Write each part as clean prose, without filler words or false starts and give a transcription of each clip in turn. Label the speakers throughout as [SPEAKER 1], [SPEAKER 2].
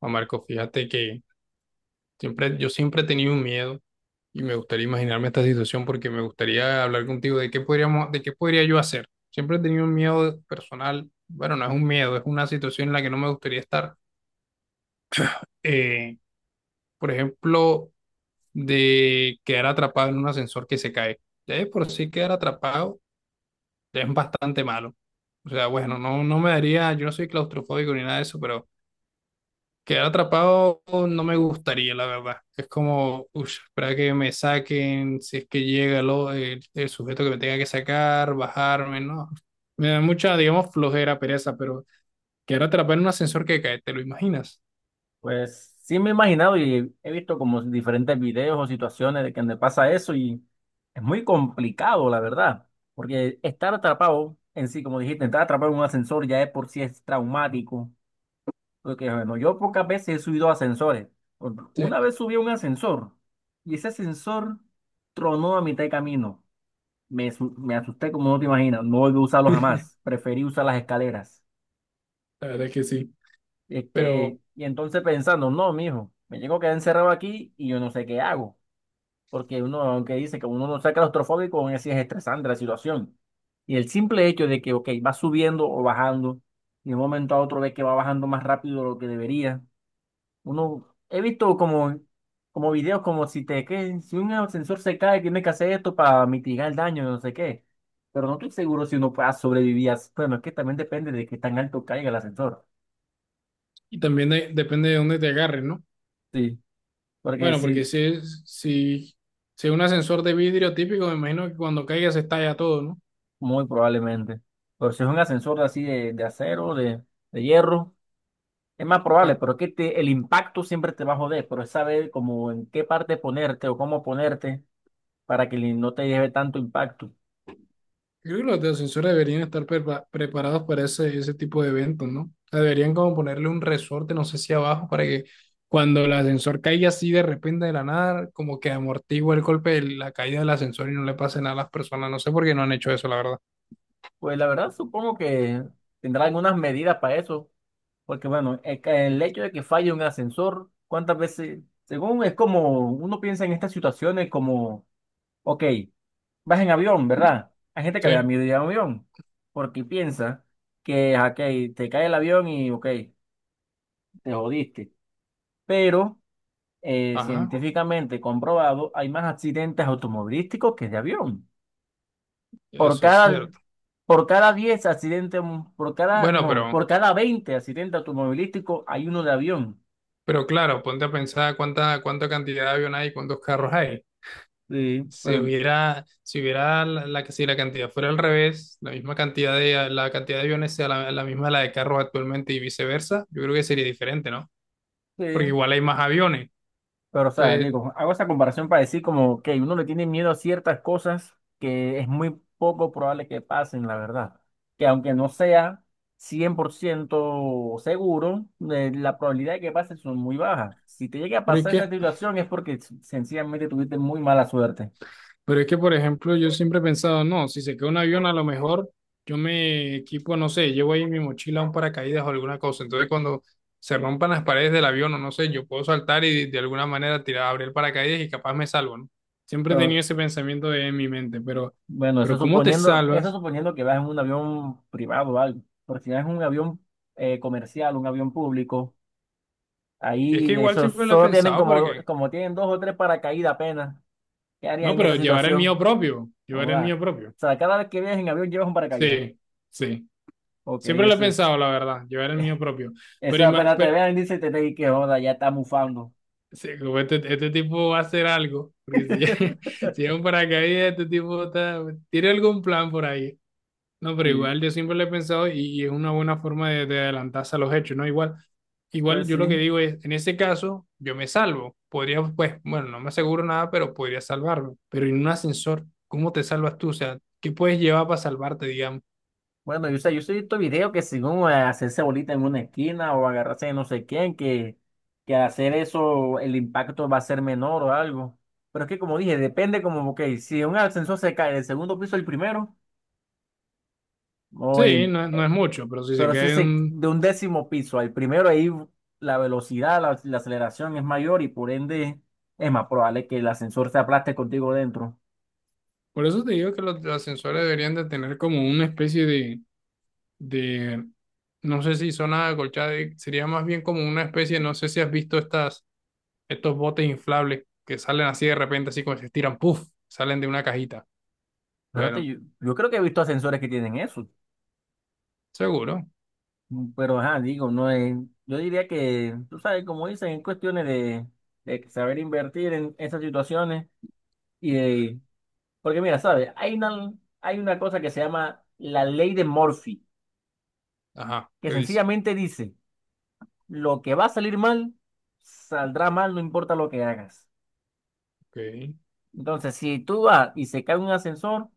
[SPEAKER 1] Juan Marco, fíjate que siempre, yo siempre he tenido un miedo y me gustaría imaginarme esta situación porque me gustaría hablar contigo de qué podríamos, de qué podría yo hacer. Siempre he tenido un miedo personal, bueno, no es un miedo, es una situación en la que no me gustaría estar. Eh, por ejemplo, de quedar atrapado en un ascensor que se cae. Ya es por sí quedar atrapado, ya es bastante malo. O sea, bueno, no, no me daría, yo no soy claustrofóbico ni nada de eso, pero quedar atrapado no me gustaría, la verdad. Es como, uff, espera que me saquen, si es que llega el sujeto que me tenga que sacar, bajarme, ¿no? Me da mucha, digamos, flojera, pereza, pero quedar atrapado en un ascensor que cae, ¿te lo imaginas?
[SPEAKER 2] Pues sí me he imaginado y he visto como diferentes videos o situaciones de que me pasa eso y es muy complicado, la verdad, porque estar atrapado en sí, como dijiste, estar atrapado en un ascensor ya es por sí es traumático, porque bueno, yo pocas veces he subido a ascensores.
[SPEAKER 1] Sí.
[SPEAKER 2] Una vez subí a un ascensor y ese ascensor tronó a mitad de camino. Me asusté como no te imaginas, no volví a usarlo jamás, preferí usar las escaleras.
[SPEAKER 1] La verdad es que sí.
[SPEAKER 2] Y es que,
[SPEAKER 1] Pero,
[SPEAKER 2] y entonces pensando, no, mijo, me llego a quedar encerrado aquí y yo no sé qué hago. Porque uno, aunque dice que uno no sea claustrofóbico, aún así es estresante la situación. Y el simple hecho de que, ok, va subiendo o bajando, y de un momento a otro ve que va bajando más rápido de lo que debería. Uno, he visto como videos como si te, que, si un ascensor se cae, tienes que hacer esto para mitigar el daño, no sé qué. Pero no estoy seguro si uno pueda sobrevivir. Bueno, es que también depende de qué tan alto caiga el ascensor.
[SPEAKER 1] y también depende de dónde te agarren, ¿no?
[SPEAKER 2] Sí. Porque
[SPEAKER 1] Bueno, porque
[SPEAKER 2] si,
[SPEAKER 1] si es un ascensor de vidrio típico, me imagino que cuando caiga se estalla todo, ¿no?
[SPEAKER 2] muy probablemente. Pero si es un ascensor así de acero, de hierro, es más probable, pero es que el impacto siempre te va a joder, pero es saber como en qué parte ponerte o cómo ponerte para que no te lleve tanto impacto.
[SPEAKER 1] Creo que los de ascensor deberían estar preparados para ese tipo de eventos, ¿no? O sea, deberían como ponerle un resorte, no sé si abajo, para que cuando el ascensor caiga así de repente de la nada, como que amortigua el golpe de la caída del ascensor y no le pase nada a las personas. No sé por qué no han hecho eso, la verdad.
[SPEAKER 2] Pues la verdad supongo que tendrá algunas medidas para eso, porque bueno, el hecho de que falle un ascensor, ¿cuántas veces? Según es como uno piensa en estas situaciones como, ok. Vas en avión, ¿verdad? Hay gente que le
[SPEAKER 1] Sí,
[SPEAKER 2] da miedo ir en avión porque piensa que, ok, te cae el avión y, ok, te jodiste. Pero
[SPEAKER 1] ajá,
[SPEAKER 2] científicamente comprobado, hay más accidentes automovilísticos que de avión. Por
[SPEAKER 1] eso es
[SPEAKER 2] cada,
[SPEAKER 1] cierto.
[SPEAKER 2] por cada 10 accidentes, por cada,
[SPEAKER 1] Bueno,
[SPEAKER 2] no,
[SPEAKER 1] pero,
[SPEAKER 2] por cada 20 accidentes automovilísticos hay uno de avión.
[SPEAKER 1] pero claro, ponte a pensar cuánta cantidad de avión hay, cuántos carros hay.
[SPEAKER 2] Sí,
[SPEAKER 1] Si
[SPEAKER 2] pero,
[SPEAKER 1] hubiera, si hubiera la, la que si la cantidad fuera al revés, la misma cantidad de la cantidad de aviones sea la, la misma de la de carros actualmente y viceversa, yo creo que sería diferente, ¿no? Porque
[SPEAKER 2] sí.
[SPEAKER 1] igual hay más aviones.
[SPEAKER 2] Pero, o sea,
[SPEAKER 1] Entonces,
[SPEAKER 2] digo, hago esa comparación para decir como que uno le tiene miedo a ciertas cosas que es muy poco probable que pasen, la verdad. Que aunque no sea 100% seguro, la probabilidad de que pase son muy bajas. Si te llega a
[SPEAKER 1] pero es
[SPEAKER 2] pasar esa
[SPEAKER 1] que
[SPEAKER 2] situación es porque sencillamente tuviste muy mala suerte.
[SPEAKER 1] Pero es que, por ejemplo, yo siempre he pensado, no, si se cae un avión, a lo mejor yo me equipo, no sé, llevo ahí en mi mochila un paracaídas o alguna cosa. Entonces, cuando se rompan las paredes del avión, o no sé, yo puedo saltar y de alguna manera tirar, abrir el paracaídas y capaz me salvo, ¿no? Siempre he tenido
[SPEAKER 2] Pero,
[SPEAKER 1] ese pensamiento en mi mente,
[SPEAKER 2] bueno,
[SPEAKER 1] pero ¿cómo te
[SPEAKER 2] eso
[SPEAKER 1] salvas?
[SPEAKER 2] suponiendo que vas en un avión privado o algo. Porque si vas en un avión comercial, un avión público,
[SPEAKER 1] Es que
[SPEAKER 2] ahí,
[SPEAKER 1] igual
[SPEAKER 2] esos
[SPEAKER 1] siempre lo he
[SPEAKER 2] solo tienen
[SPEAKER 1] pensado
[SPEAKER 2] como,
[SPEAKER 1] porque,
[SPEAKER 2] como tienen dos o tres paracaídas apenas. ¿Qué harías
[SPEAKER 1] no,
[SPEAKER 2] en
[SPEAKER 1] pero
[SPEAKER 2] esa
[SPEAKER 1] llevar el mío
[SPEAKER 2] situación?
[SPEAKER 1] propio,
[SPEAKER 2] ¿Cómo
[SPEAKER 1] llevar el
[SPEAKER 2] va?
[SPEAKER 1] mío propio.
[SPEAKER 2] O sea, cada vez que viajes en avión llevas un paracaídas.
[SPEAKER 1] Sí, sí.
[SPEAKER 2] Ok,
[SPEAKER 1] Siempre lo he
[SPEAKER 2] eso,
[SPEAKER 1] pensado, la verdad, llevar el mío propio. Pero,
[SPEAKER 2] eso apenas te vean, dice, que joda, ya está mufando.
[SPEAKER 1] sí, como este tipo va a hacer algo, porque si, si es un paracaídas, este tipo está, tiene algún plan por ahí. No, pero
[SPEAKER 2] Sí,
[SPEAKER 1] igual yo siempre lo he pensado y es una buena forma de adelantarse a los hechos, ¿no? Igual, igual
[SPEAKER 2] pues
[SPEAKER 1] yo lo que
[SPEAKER 2] sí.
[SPEAKER 1] digo es, en ese caso, yo me salvo. Podría, pues, bueno, no me aseguro nada, pero podría salvarme. Pero en un ascensor, ¿cómo te salvas tú? O sea, ¿qué puedes llevar para salvarte, digamos?
[SPEAKER 2] Bueno, yo sé, yo soy estos videos que según hacerse bolita en una esquina o agarrarse de no sé quién, que hacer eso el impacto va a ser menor o algo. Pero es que como dije, depende como, ok, si un ascensor se cae del segundo piso al primero, o el,
[SPEAKER 1] Sí,
[SPEAKER 2] im-
[SPEAKER 1] no, no es mucho, pero si se
[SPEAKER 2] pero si
[SPEAKER 1] cae
[SPEAKER 2] se,
[SPEAKER 1] un...
[SPEAKER 2] de un décimo piso al primero, ahí la velocidad, la aceleración es mayor y por ende es más probable que el ascensor se aplaste contigo dentro.
[SPEAKER 1] Por eso te digo que los ascensores deberían de tener como una especie de de No sé si zona acolchada sería más bien como una especie, no sé si has visto estos botes inflables que salen así de repente, así como se estiran, puff, salen de una cajita.
[SPEAKER 2] Espérate,
[SPEAKER 1] Bueno,
[SPEAKER 2] yo creo que he visto ascensores que tienen eso,
[SPEAKER 1] seguro.
[SPEAKER 2] pero ajá, digo, no es, yo diría que, tú sabes, como dicen, en cuestiones de, saber invertir en esas situaciones y de, porque mira, sabes, hay una cosa que se llama la ley de Murphy,
[SPEAKER 1] Ajá,
[SPEAKER 2] que
[SPEAKER 1] ¿qué dice?
[SPEAKER 2] sencillamente dice, lo que va a salir mal, saldrá mal, no importa lo que hagas.
[SPEAKER 1] Ok.
[SPEAKER 2] Entonces, si tú vas y se cae un ascensor,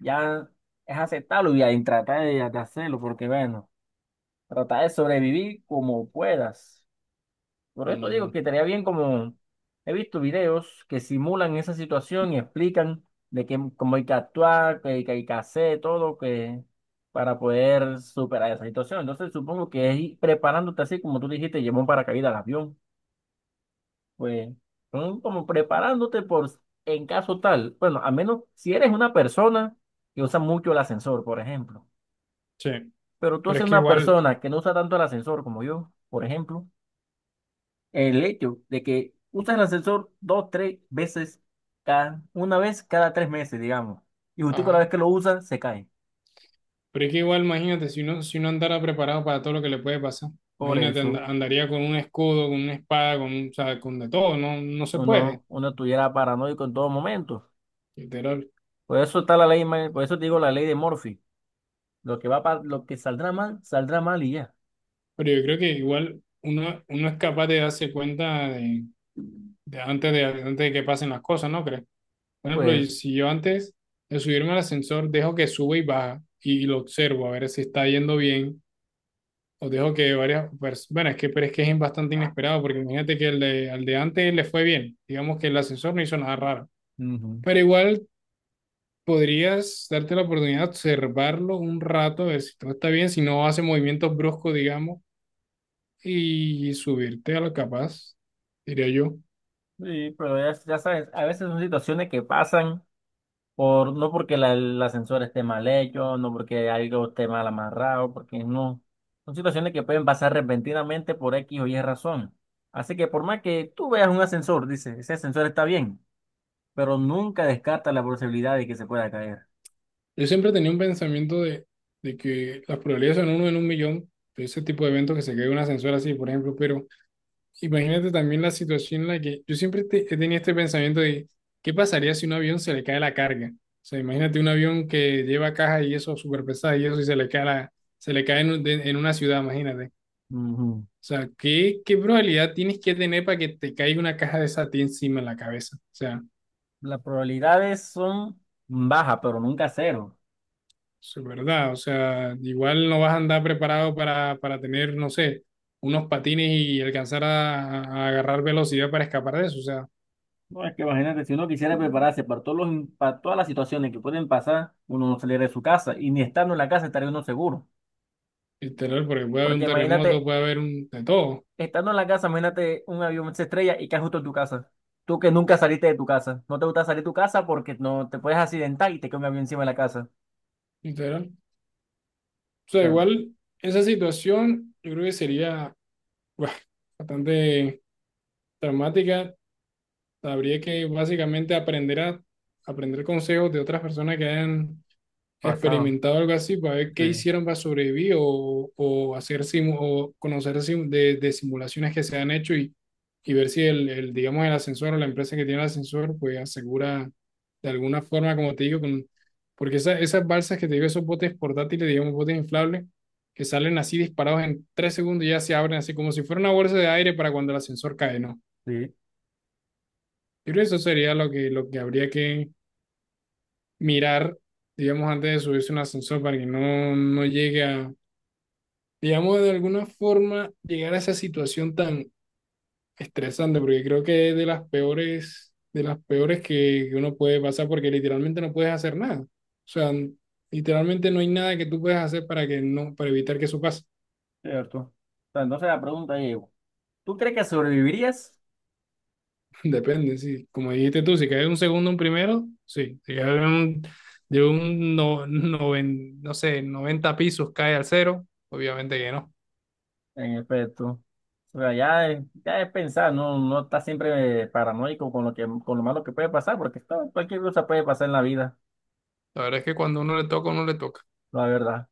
[SPEAKER 2] ya es aceptarlo y ahí trata de hacerlo, porque bueno, tratar de sobrevivir como puedas. Por esto digo que
[SPEAKER 1] Mm,
[SPEAKER 2] estaría bien como he visto videos que simulan esa situación y explican de qué, cómo hay que actuar, qué hay que hacer, todo que para poder superar esa situación. Entonces, supongo que es ir preparándote así como tú dijiste, llevó un paracaídas al avión. Pues son como preparándote en caso tal. Bueno, a menos si eres una persona que usa mucho el ascensor, por ejemplo.
[SPEAKER 1] sí,
[SPEAKER 2] Pero tú
[SPEAKER 1] pero
[SPEAKER 2] eres
[SPEAKER 1] es que
[SPEAKER 2] una
[SPEAKER 1] igual,
[SPEAKER 2] persona que no usa tanto el ascensor como yo, por ejemplo. El hecho de que usas el ascensor dos, tres veces cada, una vez cada 3 meses, digamos. Y justo con la
[SPEAKER 1] ajá,
[SPEAKER 2] vez que lo usas, se cae.
[SPEAKER 1] pero es que igual, imagínate, si uno andara preparado para todo lo que le puede pasar,
[SPEAKER 2] Por
[SPEAKER 1] imagínate,
[SPEAKER 2] eso
[SPEAKER 1] andaría con un escudo, con una espada, con, o sea, con de todo, no, no se puede,
[SPEAKER 2] uno estuviera paranoico en todo momento.
[SPEAKER 1] literal.
[SPEAKER 2] Por eso está la ley, por eso te digo la ley de Murphy. Lo que saldrá mal y ya.
[SPEAKER 1] Pero yo creo que igual uno es capaz de darse cuenta de antes de, antes de que pasen las cosas, ¿no crees? Por ejemplo,
[SPEAKER 2] Pues,
[SPEAKER 1] y si yo antes de subirme al ascensor dejo que sube y baja y, lo observo a ver si está yendo bien, o dejo que varias personas, bueno, es que, pero es que es bastante inesperado, porque imagínate que el de, al de antes le fue bien, digamos que el ascensor no hizo nada raro,
[SPEAKER 2] ujú.
[SPEAKER 1] pero igual podrías darte la oportunidad de observarlo un rato, a ver si todo está bien, si no hace movimientos bruscos, digamos y subirte a lo capaz, diría yo.
[SPEAKER 2] Sí, pero ya sabes, a veces son situaciones que pasan no porque el ascensor esté mal hecho, no porque algo esté mal amarrado, porque no. Son situaciones que pueden pasar repentinamente por X o Y razón. Así que por más que tú veas un ascensor, dices, ese ascensor está bien, pero nunca descarta la posibilidad de que se pueda caer.
[SPEAKER 1] Yo siempre tenía un pensamiento de que las probabilidades son uno en un millón de ese tipo de eventos que se cae un ascensor así, por ejemplo, pero imagínate también la situación en la que yo siempre he tenido este pensamiento de qué pasaría si un avión se le cae la carga. O sea, imagínate un avión que lleva caja y eso súper pesada y eso y se le cae en, en una ciudad, imagínate.
[SPEAKER 2] Ujú.
[SPEAKER 1] O sea, ¿qué, qué probabilidad tienes que tener para que te caiga una caja de esa a ti encima en la cabeza? O sea,
[SPEAKER 2] Las probabilidades son bajas, pero nunca cero.
[SPEAKER 1] eso es verdad, o sea, igual no vas a andar preparado para tener, no sé, unos patines y alcanzar a agarrar velocidad para escapar de eso, o sea,
[SPEAKER 2] No, es que imagínate, si uno quisiera prepararse para para todas las situaciones que pueden pasar, uno no saliera de su casa y ni estando en la casa estaría uno seguro.
[SPEAKER 1] literal, porque puede haber
[SPEAKER 2] Porque
[SPEAKER 1] un terremoto,
[SPEAKER 2] imagínate,
[SPEAKER 1] puede haber un, de todo,
[SPEAKER 2] estando en la casa, imagínate un avión se estrella y cae justo en tu casa. Tú que nunca saliste de tu casa. No te gusta salir de tu casa porque no te puedes accidentar y te cae un avión encima de la casa.
[SPEAKER 1] literal. O
[SPEAKER 2] O
[SPEAKER 1] sea,
[SPEAKER 2] sea,
[SPEAKER 1] igual esa situación yo creo que sería buah, bastante traumática, habría que básicamente aprender a aprender consejos de otras personas que hayan
[SPEAKER 2] pasado.
[SPEAKER 1] experimentado algo así para ver qué
[SPEAKER 2] Sí,
[SPEAKER 1] hicieron para sobrevivir o hacer o conocer de simulaciones que se han hecho y ver si digamos, el ascensor o la empresa que tiene el ascensor pues asegura de alguna forma, como te digo, con, porque esas balsas que te digo, esos botes portátiles, digamos, botes inflables, que salen así disparados en 3 segundos y ya se abren así como si fuera una bolsa de aire para cuando el ascensor cae, ¿no?
[SPEAKER 2] sí,
[SPEAKER 1] Yo creo que eso sería lo que, habría que mirar digamos, antes de subirse a un ascensor para que no, no llegue a, digamos, de alguna forma llegar a esa situación tan estresante, porque creo que es de las peores que uno puede pasar, porque literalmente no puedes hacer nada. O sea, literalmente no hay nada que tú puedas hacer para que no, para evitar que eso pase.
[SPEAKER 2] cierto. O sea, entonces la pregunta es, ¿tú crees que sobrevivirías?
[SPEAKER 1] Depende, sí. Como dijiste tú, si caes un segundo, un primero, sí. Si caes de un no sé, 90 pisos, cae al cero, obviamente que no.
[SPEAKER 2] En efecto. O sea, ya es pensar, no, no está siempre paranoico con con lo malo que puede pasar, porque todo, cualquier cosa puede pasar en la vida,
[SPEAKER 1] La verdad es que cuando uno le toca, uno le toca.
[SPEAKER 2] la verdad.